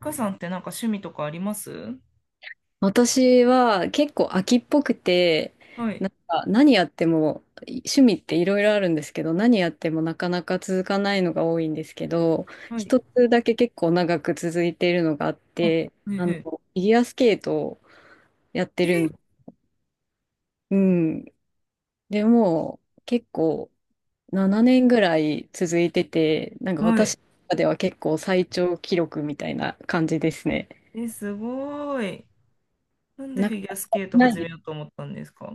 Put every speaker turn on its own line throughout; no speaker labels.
かさんってなんか趣味とかあります？
私は結構飽きっぽくて、
はい。
何やっても趣味っていろいろあるんですけど、何やってもなかなか続かないのが多いんですけど、
はい。
一つだけ結構長く続いているのがあっ
あ、
て、
へえ
フ
へ
ィギュアスケートをやって
え。
る
え、
ん、うん。でもう結構7年ぐらい続いてて、なんか
はい。
私の中では結構最長記録みたいな感じですね。
え、すごい。なんで
な、
フィギュアスケート
な
始め
い
ようと思ったんですか？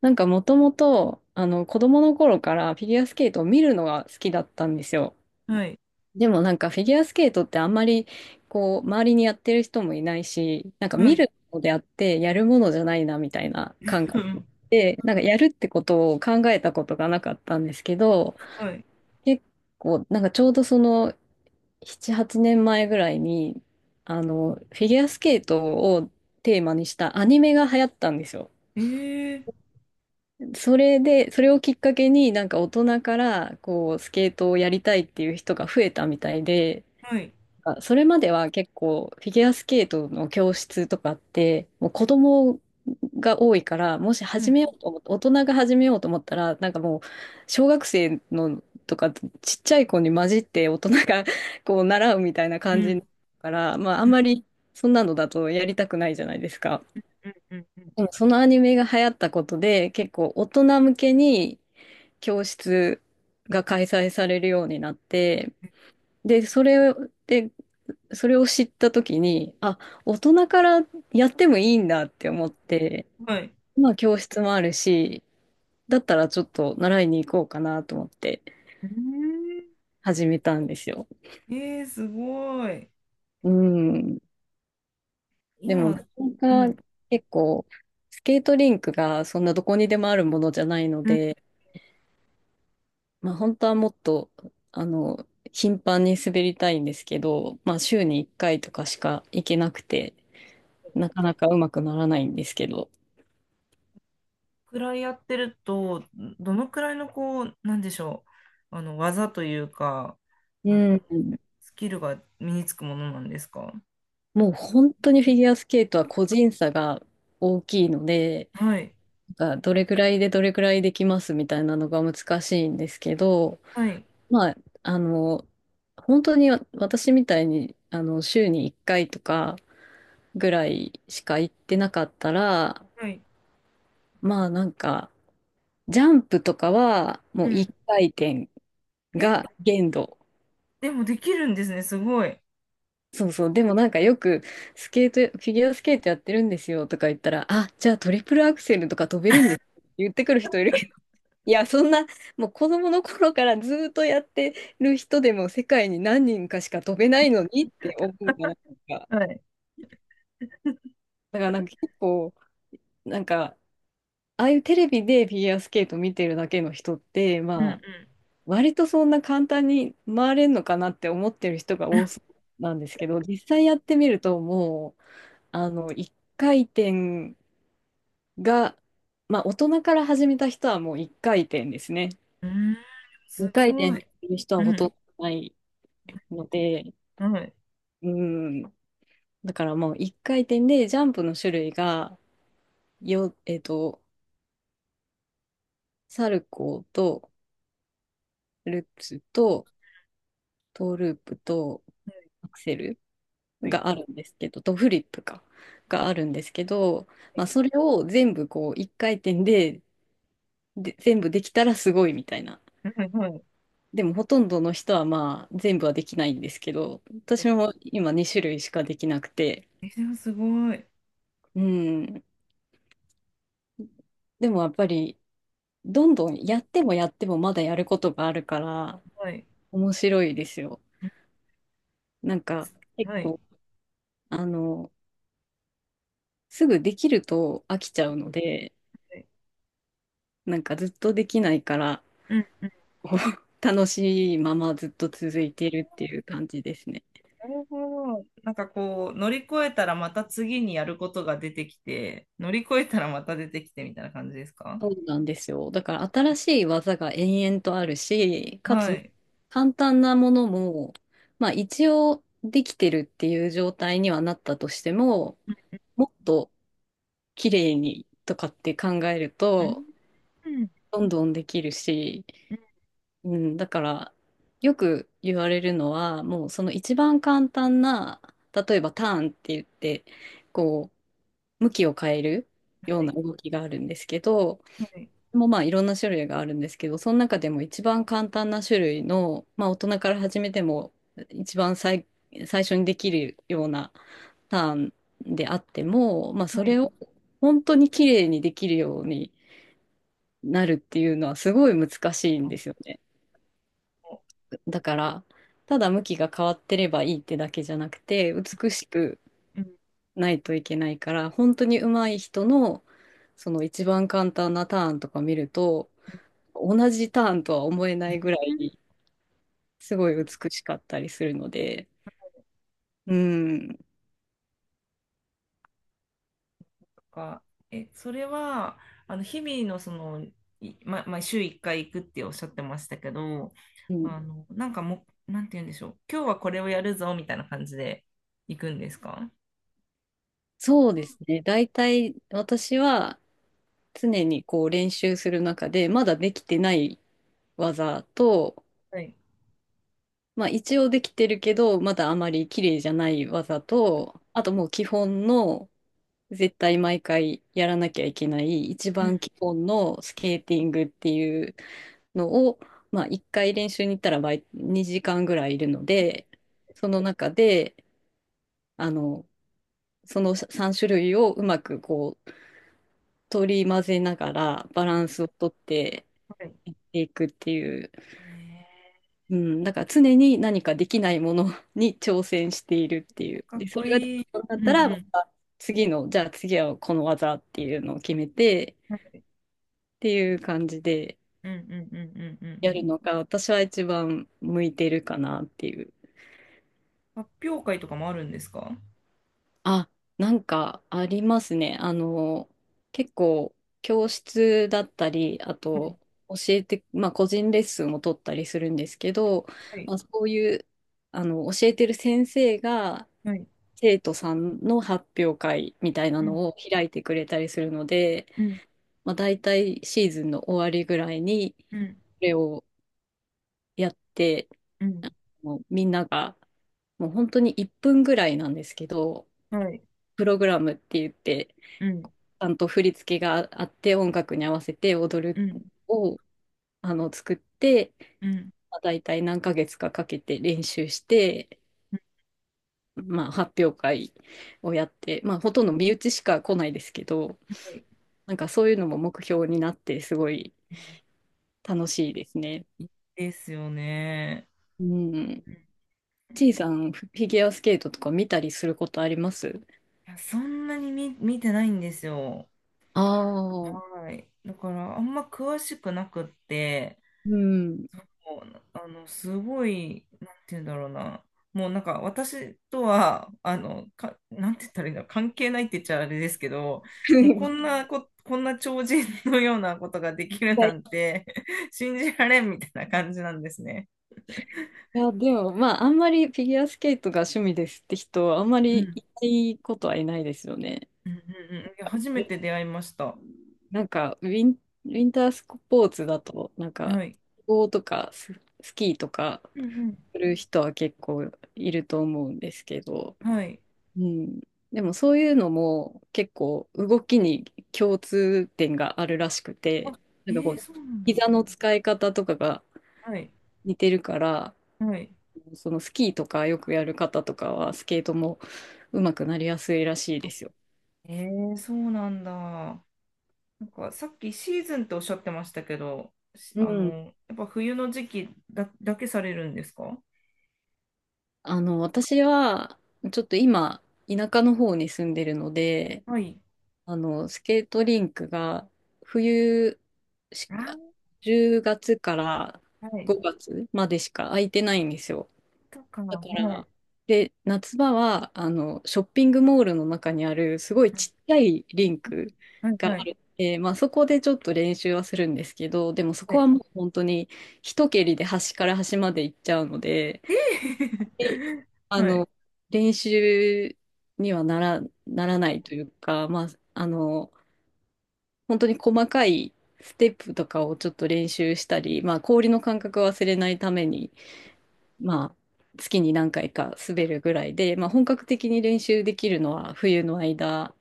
もともと、子供の頃からフィギュアスケートを見るのが好きだったんですよ。
はい。
でもなんかフィギュアスケートってあんまり、こう、周りにやってる人もいないし、なんか
は
見
い。
るのであってやるものじゃないなみたいな感
う
覚
ん。
で、なんかやるってことを考えたことがなかったんですけど、
はい。
結構、なんかちょうどその7、8年前ぐらいに、フィギュアスケートをテーマにしたアニメが流行ったんですよ。
ええ。
それで、それをきっかけになんか大人からこうスケートをやりたいっていう人が増えたみたいで、
はい。
あ、それまでは結構フィギュアスケートの教室とかってもう子供が多いから、もし
は
始
い。
めようと思って、大人が始めようと思ったら、なんかもう小学生のとかちっちゃい子に混じって大人が こう習うみたいな
う
感じだ
ん。
から、まああん
うん。
まりそんなのだとやりたくないじゃないですか。
うん。うん。
でもそのアニメが流行ったことで、結構大人向けに教室が開催されるようになって、で、それで、それを知った時に、あ、大人からやってもいいんだって思って、
はい。
まあ教室もあるし、だったらちょっと習いに行こうかなと思って
うーん。
始めたんですよ。
えー、すごい。
うん。でもな
今、
か
う
な
ん。
か結構、スケートリンクがそんなどこにでもあるものじゃないの
うん。
で、まあ本当はもっと、あの、頻繁に滑りたいんですけど、まあ週に1回とかしか行けなくて、なかなかうまくならないんですけど、
くらいやってると、どのくらいのこう、なんでしょう。技というか、あ
う
の
ん、
スキルが身につくものなんですか？
もう本当にフィギュアスケートは個人差が大きいので、
はい。
なんかどれぐらいでどれぐらいできますみたいなのが難しいんですけど、
はい。
まあ、あの、本当に私みたいに、週に1回とかぐらいしか行ってなかったら、
はい。
まあなんか、ジャンプとかは
う
もう1
ん。
回転
え、
が限度。
でもできるんですね。すごい。
そうそう。でもなんかよくスケート、フィギュアスケートやってるんですよとか言ったら、あ、じゃあトリプルアクセルとか飛べるんですって言ってくる人いるけど、いや、そんな、もう子供の頃からずーっとやってる人でも世界に何人かしか飛べないのにって思うじゃないですか。
はい。
だからなんかなんか、ああいうテレビでフィギュアスケート見てるだけの人って、
う
ま
ん
あ、割とそんな簡単に回れるのかなって思ってる人が多そうなんですけど、実際やってみるともう、1回転が、まあ大人から始めた人はもう1回転ですね。
うん。うーん。す
2回転
ご
って
い。
いう人
う
はほとん
ん。
どないので、
はい。
うん、だからもう1回転でジャンプの種類が、よ、えっと、サルコーと、ルップスと、トーループと、アクセル。
はい。
があるんですけど、とフリップか、があるんですけど、
は
まあ、
い。
それを全部こう一回転で、で、全部できたらすごいみたいな。
はい。はいはい。
でもほとんどの人はまあ全部はできないんですけど、私も今2種類しかできなくて、
え、でもすごい。
うん。でもやっぱりどんどんやってもやってもまだやることがあるから
はい。
面白いですよ。
うん。
なんか結
はい。
構、あの、すぐできると飽きちゃうので、
はい。
なんかずっとできないから、
うんうん。
こう楽しいままずっと続いているっていう感じですね。
うーん。すごい。うん。はいはいはいはいはい。え、でもすごい。はい。うん。はいはい。うんうん。なるほど。なんかこう、乗り越えたらまた次にやることが出てきて、乗り越えたらまた出てきてみたいな感じですか？
そうなんですよ。だから新しい技が延々とあるし、か
は
つ
い。
簡単なものも、まあ一応できてるっていう状態にはなったとしても、もっと綺麗にとかって考える
うん。
と、
うん。
どんどんできるし、
うん。
うん、だからよく言われるのは、もうその一番簡単な、例えばターンって言って、こう、向きを変えるよう
は
な
い。
動きがあるんですけど、
はい。
もうまあいろんな種類があるんですけど、その中でも一番簡単な種類の、まあ大人から始めても一番最、最初にできるようなターンであっても、まあ
は
それ
い。
を本当に綺麗にできるようになるっていうのはすごい難しい
う
ん
ん、
ですよね。だから、ただ向きが変わってればいいってだけじゃなくて、美しく
うん
ないといけないから、本当に上手い人の、その一番簡単なターンとか見ると、同じターンとは思えない
う
ぐら
ん。
いすごい美しかったりするので、うん、
とか、え、それは、日々のその、いま、まあ、週1回行くっておっしゃってましたけど、
うん、
なんかもう、なんて言うんでしょう。今日はこれをやるぞ、みたいな感じで行くんですか？
そうですね。大体私は常にこう練習する中で、まだできてない技と、
はい。
まあ一応できてるけど、まだあまり綺麗じゃない技と、あともう基本の絶対毎回やらなきゃいけない一
うん、う
番基本のスケーティングっていうのを、まあ、1回練習に行ったら毎2時間ぐらいいるので、その中であのその3種類をうまくこう取り混ぜながらバラン
ん。
スをとって
はい。
やっていくっていう、
え
うん、だから常に何かできないものに挑戦しているっていう。
ー、かっ
で、そ
こ
れができ
いい。
なくなっ
うん
たらま
う
た次の、じゃあ次はこの技っていうのを決めて、
ん。はい。
っていう感じで
うんうんうんうんうんう
やる
ん。
のが私は一番向いてるかなっていう。
発表会とかもあるんですか？
あ、なんかありますね。結構教室だったり、あ
はい。
と教えて、まあ個人レッスンを取ったりするんですけど、
はい。
まあ、そういう、あの、教えてる先生が
はい。
生徒さんの発表会みたいな
うん
のを開いてくれたりするので、
うん
まあ、大体シーズンの終わりぐらいにこ
うん
れをやって、
うん。
もうみんなが、もう本当に1分ぐらいなんですけど、
はい。
プログラムって言って、ち
うん
ゃんと振り付けがあって、音楽に合わせて踊る
うん
を作って、
うん
まあ、大体何ヶ月かかけて練習して、
うん。
まあ、発表会をやって、まあ、ほとんど身内しか来ないですけど、
はい。
なんかそういうのも目標になって、すごい
い
楽しいですね。
いですよね。
うん。
うん。い
ちいさん、フィギュアスケートとか見たりすることあります？
や、そんなに見、見てないんですよ。
ああ
はい。だから、あんま詳しくなくって、
うん。
そう、すごい、なんて言うんだろうな。もうなんか、私とは、なんて言ったらいいんだろう、関係ないって言っちゃあれですけど、もうこんな超人のようなことができる
は
な
い
んて 信じられんみたいな感じなんですね。
いや、でも、まあ、あんまりフィギュアスケートが趣味ですって人はあんま
う
り
ん。
いないことはいないですよね。
うんうんうん。いや、初めて出会いました。
なんか、ウィンタースポーツだと、なんか、
はい。
スノーとかスキーとか
うん
する人は結構いると思うんですけど、
うん。はい。
うん。でも、そういうのも結構動きに共通点があるらしく
あ、
て、なんかこ
ええ、
う、
そうなんだ。
膝の使い方とかが
はい。
似てるから、
はい。
そのスキーとかよくやる方とかはスケートも上手くなりやすいらしいで
あ、
すよ。
ええ、そうなんだ。なんかさっきシーズンっておっしゃってましたけど、
うん。
やっぱ冬の時期だ、だけされるんですか？
私はちょっと今田舎の方に住んでるので、
はい。
スケートリンクが冬し
あ
10月から
ー、はい。
5月までしか空いてないんですよ。
とか、
だ
は
か
い。
ら、で、夏場は、ショッピングモールの中にある、すごいちっちゃいリンク
はい、
が
は
あ
い、
る。えまあ、そこでちょっと練習はするんですけど、でもそ
は
こは
い。
もう本当に一蹴りで端から端まで行っちゃうので、
え
で
え
あ
はい。
の、練習にはなら、ならないというか、あの、本当に細かいステップとかをちょっと練習したり、まあ、氷の感覚を忘れないために、まあ、月に何回か滑るぐらいで、まあ、本格的に練習できるのは冬の間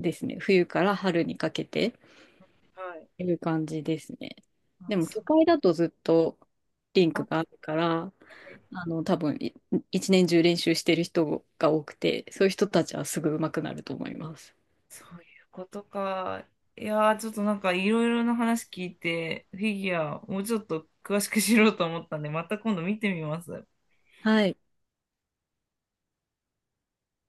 ですね。冬から春にかけて
はい。
という感じですね。
あ、
でも、
そ
都
う、
会だとずっとリン
あ、
ク
は
があるから、
い、
多分一年中練習してる人が多くて、そういう人たちはすぐ上手くなると思います。
そういうことか。いやー、ちょっとなんかいろいろな話聞いて、フィギュア、もうちょっと詳しく知ろうと思ったんで、また今度見てみます。
はい。